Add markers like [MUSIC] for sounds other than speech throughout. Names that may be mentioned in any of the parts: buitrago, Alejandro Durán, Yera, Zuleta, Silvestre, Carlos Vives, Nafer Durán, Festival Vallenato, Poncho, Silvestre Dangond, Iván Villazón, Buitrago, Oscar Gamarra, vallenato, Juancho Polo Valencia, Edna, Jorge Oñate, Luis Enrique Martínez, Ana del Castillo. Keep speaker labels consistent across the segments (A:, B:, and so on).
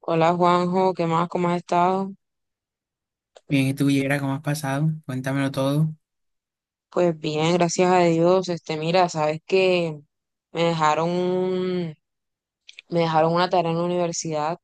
A: Hola Juanjo, ¿qué más? ¿Cómo has estado?
B: Bien, ¿y tú, Yera, cómo has pasado? Cuéntamelo todo.
A: Pues bien, gracias a Dios. Este, mira, sabes que me dejaron un- me dejaron una tarea en la universidad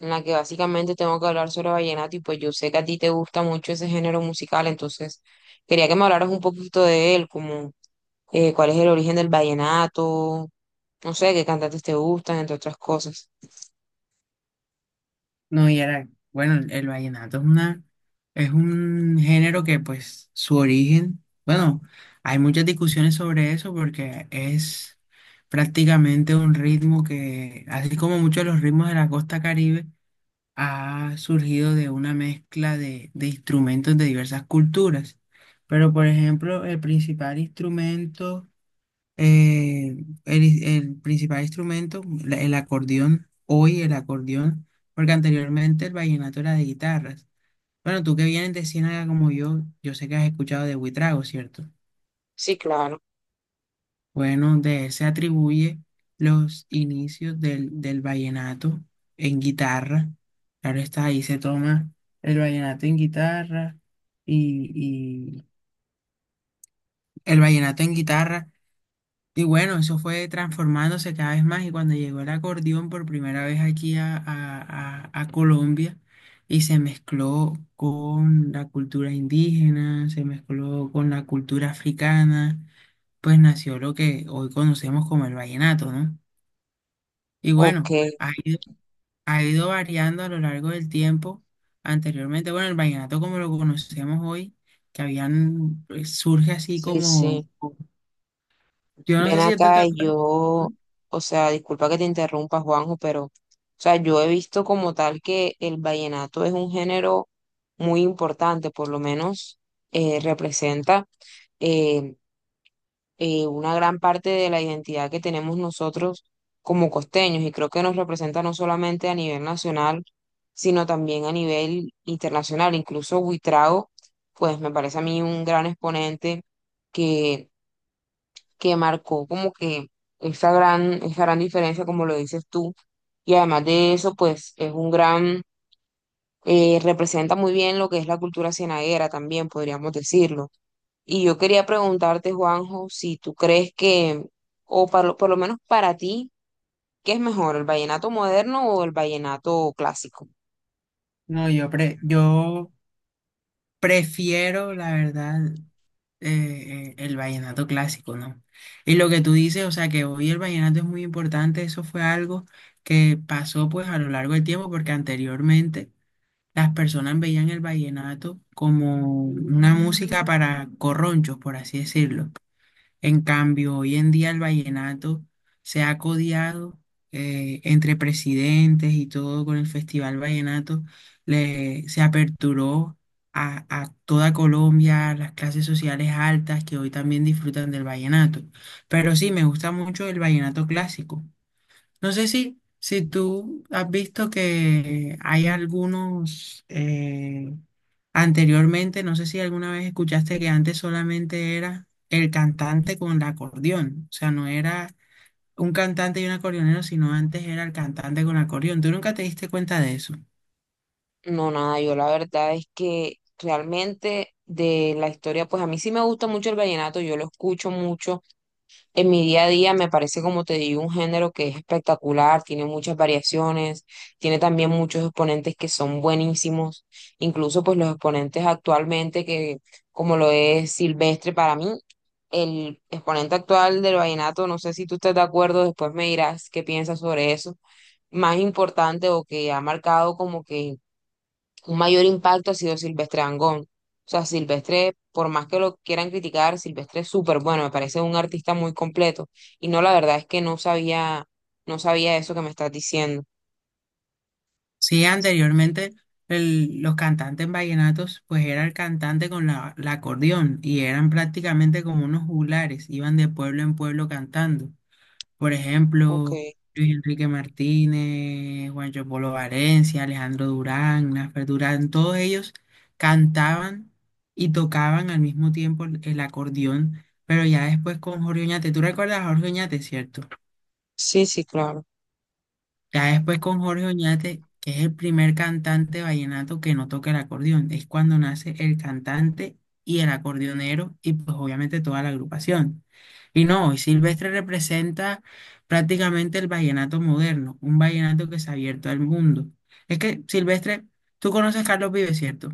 A: en la que básicamente tengo que hablar sobre vallenato y pues yo sé que a ti te gusta mucho ese género musical, entonces quería que me hablaras un poquito de él, como cuál es el origen del vallenato, no sé, qué cantantes te gustan, entre otras cosas.
B: No, Yera, bueno, el vallenato es una, es un género que, pues, su origen, bueno, hay muchas discusiones sobre eso porque es prácticamente un ritmo que, así como muchos de los ritmos de la costa Caribe, ha surgido de una mezcla de instrumentos de diversas culturas. Pero, por ejemplo, el principal instrumento Eh, el principal instrumento, el acordeón, hoy el acordeón, porque anteriormente el vallenato era de guitarras. Bueno, tú que vienes de Ciénaga como yo sé que has escuchado de Buitrago, ¿cierto?
A: Sí, claro.
B: Bueno, de él se atribuye los inicios del vallenato en guitarra. Claro está, ahí se toma el vallenato en guitarra y, y el vallenato en guitarra. Y bueno, eso fue transformándose cada vez más y cuando llegó el acordeón por primera vez aquí a, a Colombia y se mezcló con la cultura indígena, se mezcló con la cultura africana, pues nació lo que hoy conocemos como el vallenato, ¿no? Y
A: Ok,
B: bueno, ha ido variando a lo largo del tiempo. Anteriormente, bueno, el vallenato como lo conocemos hoy, que habían, pues, surge así
A: sí, sí.
B: como, yo no
A: Ven
B: sé si tú te
A: acá, y
B: acuerdas.
A: yo, o sea, disculpa que te interrumpa, Juanjo, pero, o sea, yo he visto como tal que el vallenato es un género muy importante, por lo menos representa eh, una gran parte de la identidad que tenemos nosotros como costeños, y creo que nos representa no solamente a nivel nacional, sino también a nivel internacional. Incluso Buitrago, pues me parece a mí un gran exponente que marcó como que esa gran diferencia, como lo dices tú. Y además de eso, pues es un gran, representa muy bien lo que es la cultura cienaguera también, podríamos decirlo. Y yo quería preguntarte, Juanjo, si tú crees que, por lo menos para ti, ¿qué es mejor, el vallenato moderno o el vallenato clásico?
B: No, yo prefiero, la verdad, el vallenato clásico, ¿no? Y lo que tú dices, o sea, que hoy el vallenato es muy importante, eso fue algo que pasó pues a lo largo del tiempo, porque anteriormente las personas veían el vallenato como una música para corronchos, por así decirlo. En cambio, hoy en día el vallenato se ha codiado entre presidentes y todo con el Festival Vallenato. Se aperturó a toda Colombia, a las clases sociales altas que hoy también disfrutan del vallenato. Pero sí, me gusta mucho el vallenato clásico. No sé si tú has visto que hay algunos anteriormente, no sé si alguna vez escuchaste que antes solamente era el cantante con el acordeón, o sea, no era un cantante y un acordeonero, sino antes era el cantante con el acordeón. ¿Tú nunca te diste cuenta de eso?
A: No, nada, yo la verdad es que realmente de la historia, pues a mí sí me gusta mucho el vallenato, yo lo escucho mucho en mi día a día me parece, como te digo, un género que es espectacular, tiene muchas variaciones, tiene también muchos exponentes que son buenísimos, incluso pues los exponentes actualmente que, como lo es Silvestre para mí, el exponente actual del vallenato, no sé si tú estás de acuerdo, después me dirás qué piensas sobre eso, más importante o que ha marcado como que un mayor impacto ha sido Silvestre Dangond. O sea, Silvestre, por más que lo quieran criticar, Silvestre es súper bueno, me parece un artista muy completo. Y no, la verdad es que no sabía, eso que me estás diciendo.
B: Sí, anteriormente los cantantes vallenatos, pues era el cantante con la, la acordeón y eran prácticamente como unos juglares, iban de pueblo en pueblo cantando. Por
A: Ok,
B: ejemplo, Luis Enrique Martínez, Juancho Polo Valencia, Alejandro Durán, Nafer Durán, todos ellos cantaban y tocaban al mismo tiempo el acordeón, pero ya después con Jorge Oñate. ¿Tú recuerdas a Jorge Oñate, cierto?
A: sí, sí, claro.
B: Ya después con Jorge Oñate, que es el primer cantante vallenato que no toca el acordeón, es cuando nace el cantante y el acordeonero y pues obviamente toda la agrupación. Y no, y Silvestre representa prácticamente el vallenato moderno, un vallenato que se ha abierto al mundo. Es que Silvestre, tú conoces a Carlos Vives, ¿cierto?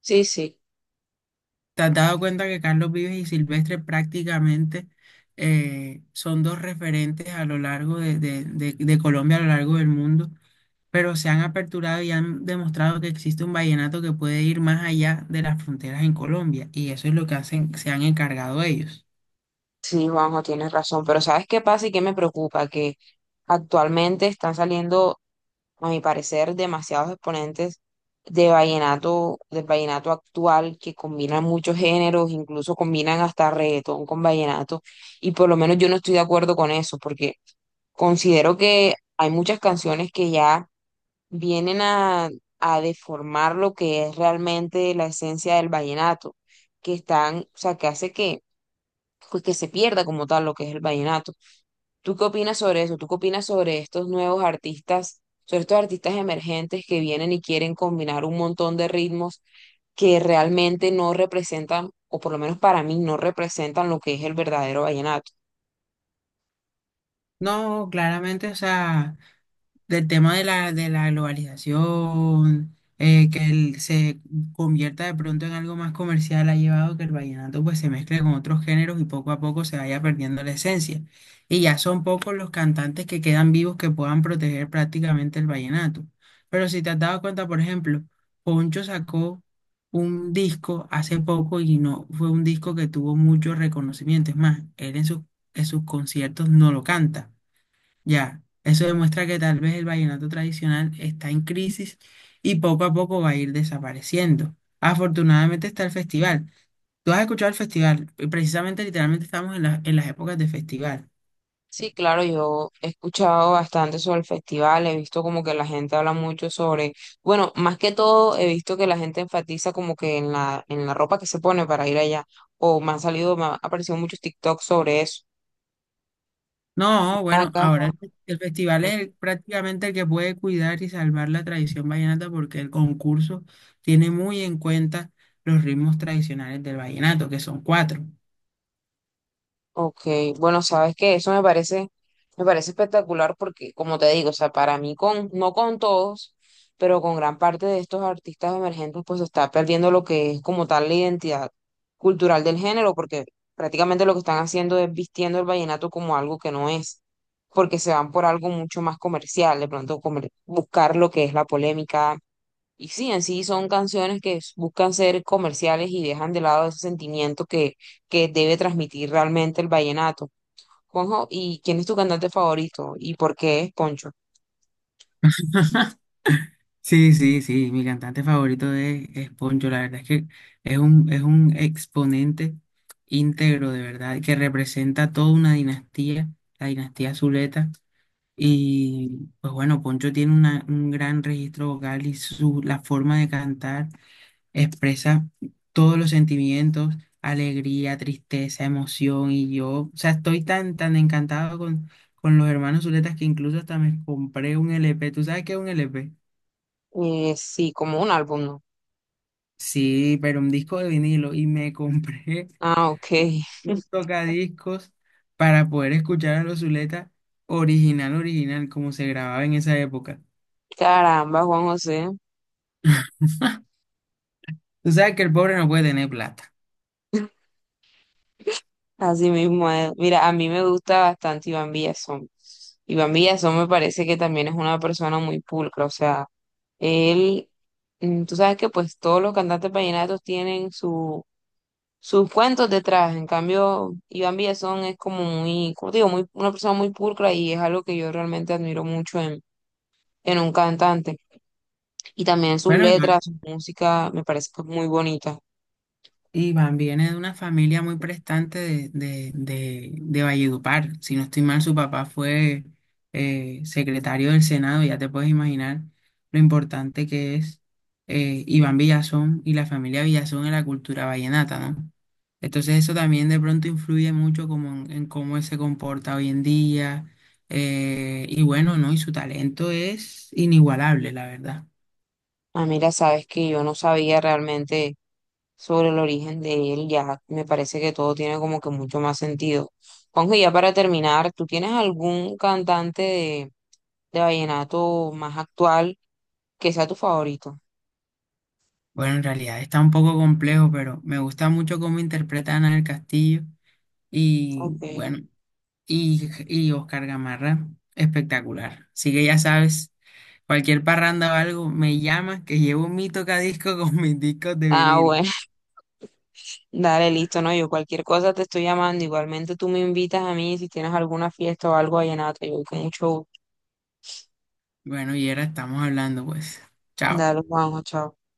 A: Sí, sí.
B: ¿Te has dado cuenta que Carlos Vives y Silvestre prácticamente son dos referentes a lo largo de de Colombia, a lo largo del mundo? Pero se han aperturado y han demostrado que existe un vallenato que puede ir más allá de las fronteras en Colombia, y eso es lo que hacen, se han encargado ellos.
A: Sí, Juanjo, tienes razón, pero ¿sabes qué pasa y qué me preocupa? Que actualmente están saliendo, a mi parecer, demasiados exponentes de vallenato, del vallenato actual, que combinan muchos géneros, incluso combinan hasta reggaetón con vallenato, y por lo menos yo no estoy de acuerdo con eso, porque considero que hay muchas canciones que ya vienen a deformar lo que es realmente la esencia del vallenato, que están, o sea, que hace que pues, que se pierda como tal lo que es el vallenato. ¿Tú qué opinas sobre eso? ¿Tú qué opinas sobre estos nuevos artistas, sobre estos artistas emergentes que vienen y quieren combinar un montón de ritmos que realmente no representan, o por lo menos para mí, no representan lo que es el verdadero vallenato?
B: No, claramente, o sea, del tema de la globalización, que él se convierta de pronto en algo más comercial, ha llevado a que el vallenato pues se mezcle con otros géneros y poco a poco se vaya perdiendo la esencia. Y ya son pocos los cantantes que quedan vivos que puedan proteger prácticamente el vallenato. Pero si te has dado cuenta, por ejemplo, Poncho sacó un disco hace poco y no fue un disco que tuvo mucho reconocimiento. Es más, él en sus conciertos no lo canta. Ya, eso demuestra que tal vez el vallenato tradicional está en crisis y poco a poco va a ir desapareciendo. Afortunadamente está el festival. Tú has escuchado el festival, y precisamente literalmente estamos en, en las épocas de festival.
A: Sí, claro, yo he escuchado bastante sobre el festival, he visto como que la gente habla mucho sobre, bueno, más que todo he visto que la gente enfatiza como que en la ropa que se pone para ir allá, o me han salido, me han aparecido muchos TikToks sobre eso.
B: No, bueno,
A: Acá,
B: ahora el, el festival es prácticamente el que puede cuidar y salvar la tradición vallenata porque el concurso tiene muy en cuenta los ritmos tradicionales del vallenato, que son cuatro.
A: ok, bueno, sabes que eso me parece espectacular porque, como te digo, o sea, para mí con, no con todos, pero con gran parte de estos artistas emergentes, pues se está perdiendo lo que es como tal la identidad cultural del género, porque prácticamente lo que están haciendo es vistiendo el vallenato como algo que no es, porque se van por algo mucho más comercial, buscar lo que es la polémica, y sí, en sí son canciones que buscan ser comerciales y dejan de lado ese sentimiento que debe transmitir realmente el vallenato. Juanjo, ¿y quién es tu cantante favorito? ¿Y por qué es Poncho?
B: Sí, sí, sí, mi cantante favorito es Poncho, la verdad es que es un exponente íntegro de verdad, que representa toda una dinastía, la dinastía Zuleta, y pues bueno, Poncho tiene un gran registro vocal y su, la forma de cantar expresa todos los sentimientos, alegría, tristeza, emoción, y yo, o sea, estoy tan, tan encantado con los hermanos Zuletas que incluso hasta me compré un LP, ¿tú sabes qué es un LP?
A: Sí, como un álbum, ¿no?
B: Sí, pero un disco de vinilo y me compré
A: Ah, ok.
B: [LAUGHS]
A: [LAUGHS]
B: un tocadiscos para poder escuchar a los Zuleta original, original, como se grababa en esa época.
A: Caramba, Juan José.
B: Tú sabes que el pobre no puede tener plata.
A: Así mismo es. Mira, a mí me gusta bastante Iván Villazón. Iván Villazón me parece que también es una persona muy pulcra. O sea, él, mm, tú sabes que pues todos los cantantes vallenatos tienen su. Sus cuentos detrás, en cambio, Iván Villazón es como muy, como te digo, muy, una persona muy pulcra y es algo que yo realmente admiro mucho en un cantante. Y también sus
B: Bueno,
A: letras, su música, me parece que es muy bonita.
B: Iván viene de una familia muy prestante de Valledupar. Si no estoy mal, su papá fue secretario del Senado. Ya te puedes imaginar lo importante que es Iván Villazón y la familia Villazón en la cultura vallenata, ¿no? Entonces eso también de pronto influye mucho como en cómo él se comporta hoy en día. Y bueno, ¿no? Y su talento es inigualable, la verdad.
A: Ah, mira, sabes que yo no sabía realmente sobre el origen de él, ya me parece que todo tiene como que mucho más sentido. Juanjo, y ya para terminar, ¿tú tienes algún cantante de vallenato más actual que sea tu favorito?
B: Bueno, en realidad está un poco complejo, pero me gusta mucho cómo interpreta Ana del Castillo y
A: Ok.
B: bueno, y Oscar Gamarra, espectacular. Así que ya sabes, cualquier parranda o algo, me llamas que llevo mi tocadisco [LAUGHS] con mis discos de
A: Ah,
B: vinilo.
A: bueno. Dale, listo, no, yo cualquier cosa te estoy llamando. Igualmente tú me invitas a mí si tienes alguna fiesta o algo vallenato. Yo voy con mucho gusto.
B: Bueno, y ahora estamos hablando, pues. Chao.
A: Dale, vamos chao.